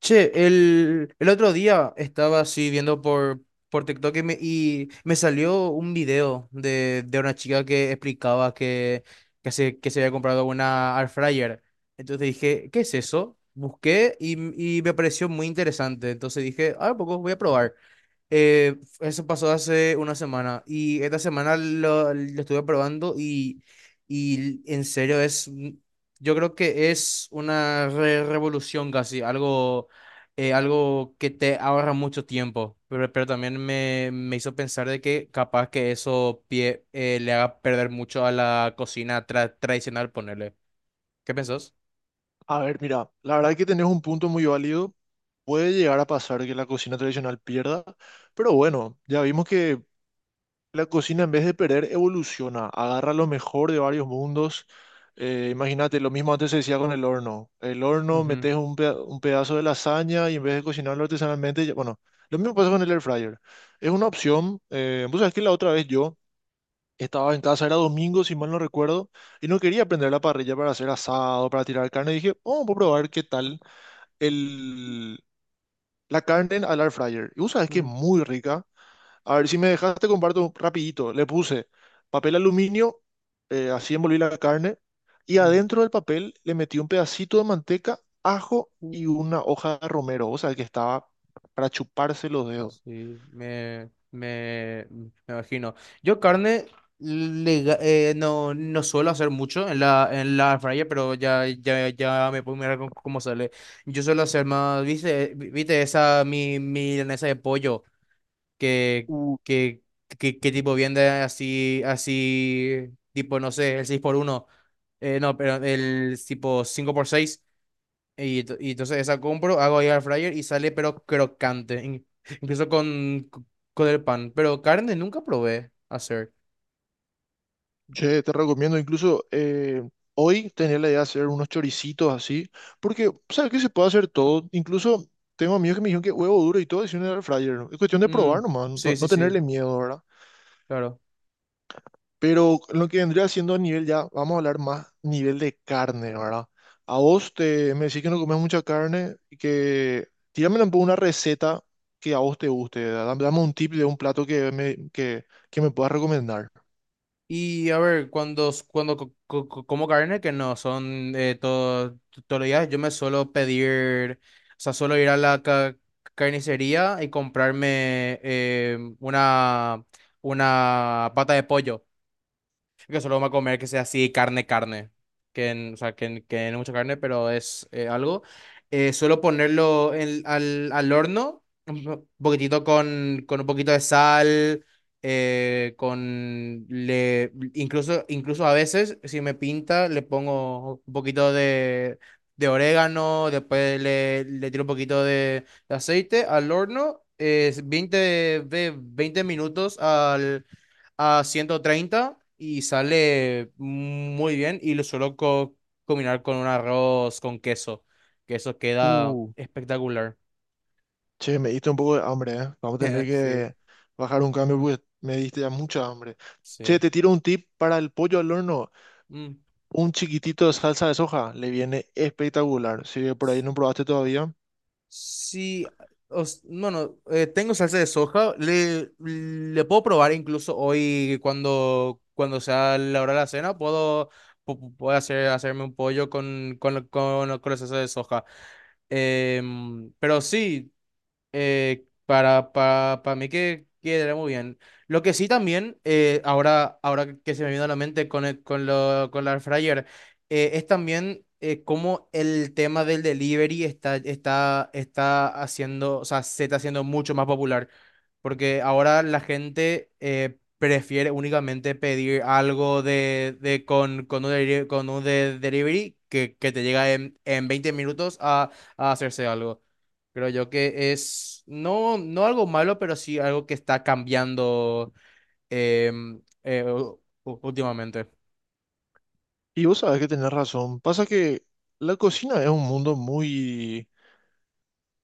Che, el otro día estaba así viendo por TikTok y me salió un video de una chica que explicaba que se había comprado una air fryer. Entonces dije, ¿qué es eso? Busqué y me pareció muy interesante. Entonces dije, ah, poco voy a probar. Eso pasó hace una semana y esta semana lo estuve probando y en serio es, yo creo que es una revolución casi, algo, algo que te ahorra mucho tiempo, pero también me hizo pensar de que capaz que eso le haga perder mucho a la cocina tradicional, ponerle. ¿Qué pensás? A ver, mira, la verdad que tenés un punto muy válido. Puede llegar a pasar que la cocina tradicional pierda, pero bueno, ya vimos que la cocina en vez de perder evoluciona, agarra lo mejor de varios mundos. Imagínate, lo mismo antes se decía con el horno. El horno Ujú. metes un pedazo de lasaña y en vez de cocinarlo artesanalmente, bueno, lo mismo pasa con el air fryer. Es una opción. Vos sabés que la otra vez yo estaba en casa, era domingo, si mal no recuerdo, y no quería prender la parrilla para hacer asado, para tirar carne. Y dije, oh, voy a probar qué tal el, la carne al air fryer. Y vos sabés que es Mm. muy rica. A ver, si me dejaste, te comparto rapidito. Le puse papel aluminio, así envolví la carne, y Mm. adentro del papel le metí un pedacito de manteca, ajo y uh, una hoja de romero. Vos sabés que estaba para chuparse los dedos. Sí, me imagino. Yo carne no, no suelo hacer mucho en la air fryer, pero ya me puedo mirar cómo sale. Yo suelo hacer más, viste, viste esa mi milanesa de pollo que, que, que tipo vende así, así, tipo, no sé, el 6 por 1, no, pero el tipo 5 por 6, y entonces esa compro, hago ahí al fryer y sale pero crocante, incluso con el pan, pero carne nunca probé hacer. Che, te recomiendo incluso hoy tenía la idea de hacer unos choricitos así, porque sabes que se puede hacer todo. Incluso tengo amigos que me dijeron que huevo duro y todo es un air fryer. ¿No? Es cuestión de Mm. probar nomás, no, Sí, sí, no sí, tenerle miedo, ¿verdad? claro. Pero lo que vendría siendo a nivel ya, vamos a hablar más nivel de carne, ¿verdad? Me decís que no comes mucha carne y que tírame un poco una receta que a vos te guste, ¿verdad? Dame un tip de un plato que me puedas recomendar. Y a ver, cuando como carne, que no son, todos los días, yo me suelo pedir, o sea, suelo ir a la carnicería y comprarme, una pata de pollo. Que solo vamos a comer que sea así carne, carne. O sea, que no mucha carne, pero es, algo. Suelo ponerlo al horno, un poquitito con un poquito de sal, incluso, incluso a veces, si me pinta, le pongo un poquito de orégano, después le tiro un poquito de aceite al horno, es 20 minutos al a 130 y sale muy bien y lo suelo combinar con un arroz con queso, que eso queda Uh. espectacular. Che, me diste un poco de hambre, ¿eh? Vamos a tener Sí, que bajar un cambio porque me diste ya mucha hambre. Che, sí. te tiro un tip para el pollo al horno. Mm. Un chiquitito de salsa de soja le viene espectacular. Si por ahí no probaste todavía. Sí, bueno, tengo salsa de soja, le puedo probar incluso hoy, cuando sea la hora de la cena, puedo hacerme un pollo con la salsa de soja. Pero sí, para mí que quedaría muy bien. Lo que sí también, ahora que se me vino a la mente con, el- con, lo, con la air fryer, es también, cómo el tema del delivery está haciendo, o sea, se está haciendo mucho más popular. Porque ahora la gente, prefiere únicamente pedir algo de con un, deli- con un de- delivery que te llega en 20 minutos, a hacerse algo. Creo yo que es, no algo malo, pero sí algo que está cambiando, últimamente. Y vos sabés que tenés razón. Pasa que la cocina es un mundo muy,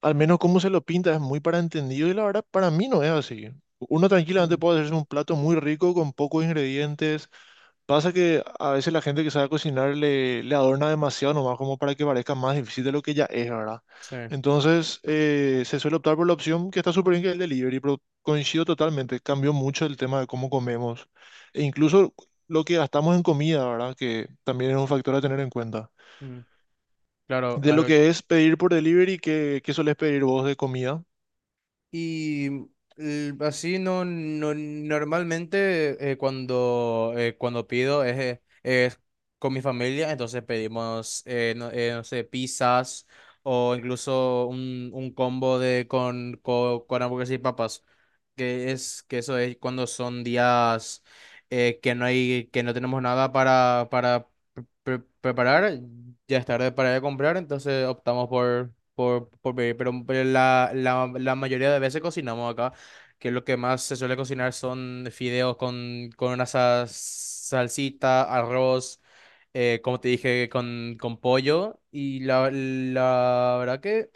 al menos como se lo pinta, es muy para entendido y la verdad para mí no es así. Uno tranquilamente Mm. puede hacerse un plato muy rico con pocos ingredientes. Pasa que a veces la gente que sabe cocinar le adorna demasiado nomás como para que parezca más difícil de lo que ya es, ¿verdad? Sí. Entonces se suele optar por la opción que está súper bien que es el delivery, pero coincido totalmente, cambió mucho el tema de cómo comemos e incluso lo que gastamos en comida, ¿verdad? Que también es un factor a tener en cuenta. Mm. Claro, De lo ah, que es pedir por delivery, ¿qué solés pedir vos de comida? y así, no normalmente, cuando pido es con mi familia, entonces pedimos, no, no sé, pizzas o incluso un combo de con, co- con, hamburguesas y papas, que es que eso es cuando son días, que no hay, que no tenemos nada para preparar, ya es tarde para ir a comprar, entonces optamos por pedir. Pero la mayoría de veces cocinamos acá, que lo que más se suele cocinar son fideos con una salsita, arroz, como te dije, con pollo. Y la verdad que,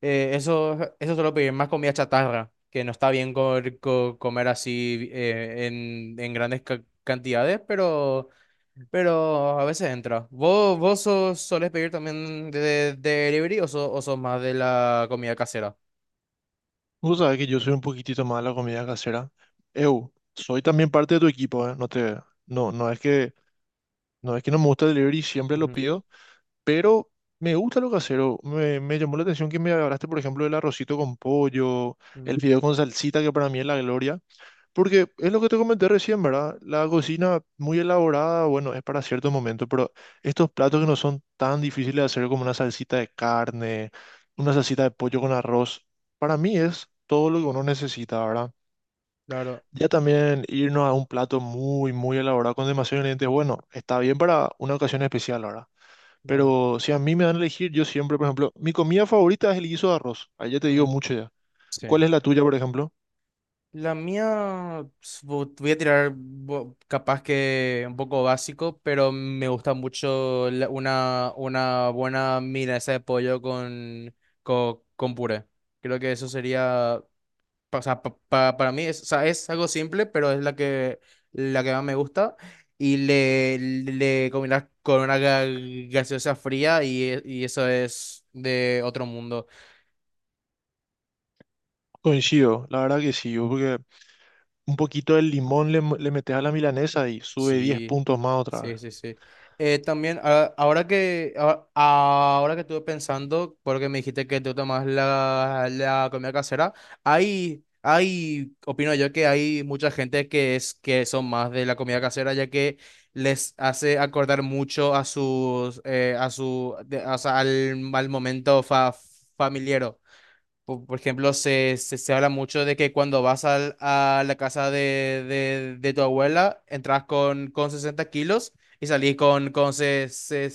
eso suelo pedir, más comida chatarra, que no está bien comer así, en grandes cantidades, pero, a veces entra. Solés pedir también de delivery, o sos más de la comida casera? Vos sabés que yo soy un poquitito más de la comida casera. Eu, soy también parte de tu equipo, ¿eh? No es que... No es que no me gusta el delivery, siempre lo Ujú. pido, pero me gusta lo casero. Me llamó la atención que me hablaste, por ejemplo, del arrocito con pollo, el Ujú. fideo con salsita, que para mí es la gloria, porque es lo que te comenté recién, ¿verdad? La cocina muy elaborada, bueno, es para ciertos momentos, pero estos platos que no son tan difíciles de hacer como una salsita de carne, una salsita de pollo con arroz, para mí es todo lo que uno necesita, ¿verdad? Claro, Ya también irnos a un plato muy, muy elaborado con demasiados ingredientes, bueno, está bien para una ocasión especial ahora. claro. Pero si a mí me dan a elegir, yo siempre, por ejemplo, mi comida favorita es el guiso de arroz. Ahí ya te digo Mm. mucho ya. Sí. ¿Cuál es la tuya, por ejemplo? La mía, voy a tirar, capaz que un poco básico, pero me gusta mucho, una buena milanesa de pollo con puré. Creo que eso sería, o sea, para mí es, o sea, es algo simple, pero es la que más me gusta. Y le combinas con una gaseosa fría y eso es de otro mundo. Coincido, la verdad que sí, yo porque un poquito de limón le metes a la milanesa y sube 10 Sí, puntos más otra vez. sí, sí, sí. También, ahora que estuve pensando, porque me dijiste que tú tomas la comida casera, opino yo que hay mucha gente que son más de la comida casera, ya que les hace acordar mucho a sus, a su, de- o sea, al momento, familiar. Por ejemplo, se habla mucho de que cuando vas a la casa de tu abuela, entras con 60 kilos y salís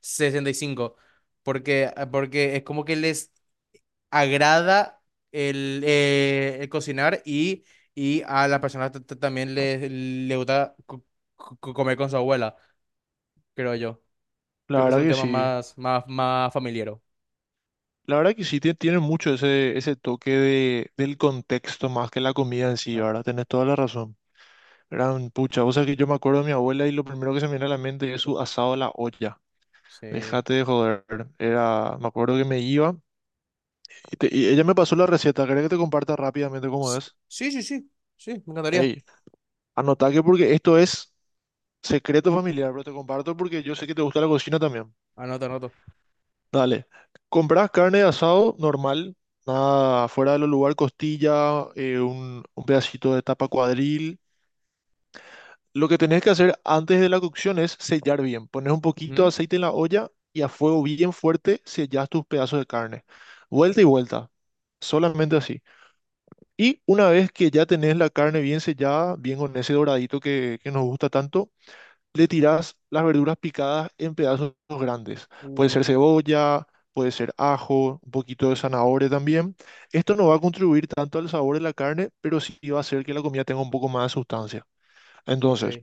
65. Porque, ah, porque es como que les agrada el cocinar, y a las personas también le gusta comer con su abuela, creo yo. Creo La que es verdad un que tema, sí. Más familiar. La verdad que sí, tiene mucho ese, ese toque de, del contexto más que la comida en sí, Claro. ahora tenés toda la razón. Gran pucha, o sea que yo me acuerdo de mi abuela y lo primero que se me viene a la mente es su asado a la olla. Sí. Déjate de joder. Era, me acuerdo que me iba y ella me pasó la receta. ¿Querés que te comparta rápidamente cómo Sí, es? sí, sí, sí, sí, me Ey, encantaría. anota que porque esto es secreto familiar, pero te comparto porque yo sé que te gusta la cocina también. Anoto, anoto. Dale. Comprás carne de asado normal, nada fuera de los lugar, costilla, un pedacito de tapa cuadril. Lo que tenés que hacer antes de la cocción es sellar bien. Pones un poquito de Ujú. aceite en la olla y a fuego bien fuerte sellas tus pedazos de carne. Vuelta y vuelta, solamente así. Y una vez que ya tenés la carne bien sellada, bien con ese doradito que nos gusta tanto, le tirás las verduras picadas en pedazos grandes. Puede ser Uh. cebolla, puede ser ajo, un poquito de zanahoria también. Esto no va a contribuir tanto al sabor de la carne, pero sí va a hacer que la comida tenga un poco más de sustancia. Ok. Entonces...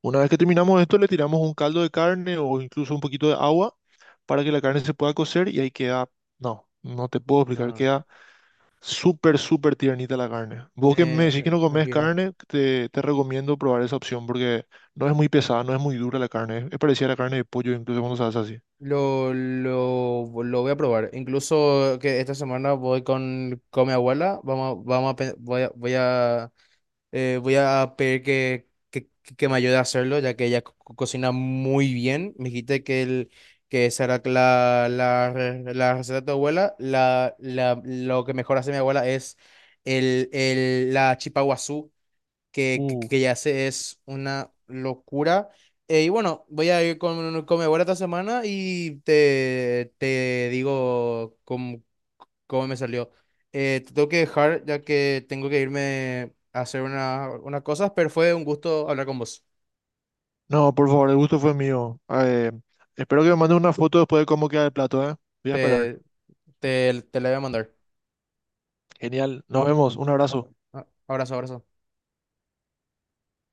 Una vez que terminamos esto, le tiramos un caldo de carne o incluso un poquito de agua para que la carne se pueda cocer y ahí queda, no, no te puedo explicar, No, queda súper, súper tiernita la carne. Vos que me decís que me no comes imagino. carne, te recomiendo probar esa opción porque no es muy pesada, no es muy dura la carne, es parecida a la carne de pollo incluso cuando se hace así. Lo voy a probar. Incluso que esta semana voy con mi abuela. Voy a pedir que me ayude a hacerlo, ya que ella cocina muy bien. Me dijiste que esa era la receta de tu abuela. Lo que mejor hace mi abuela es la chipa Uh, que ya se es una locura. Y bueno, voy a ir con mi abuela esta semana y te digo cómo me salió. Te tengo que dejar ya que tengo que irme a hacer unas cosas, pero fue un gusto hablar con vos. no, por favor, el gusto fue mío. Espero que me mandes una foto después de cómo queda el plato, ¿eh? Voy a esperar. Te, Te la voy a mandar. Genial, nos vemos, un abrazo. Ah. Abrazo, abrazo.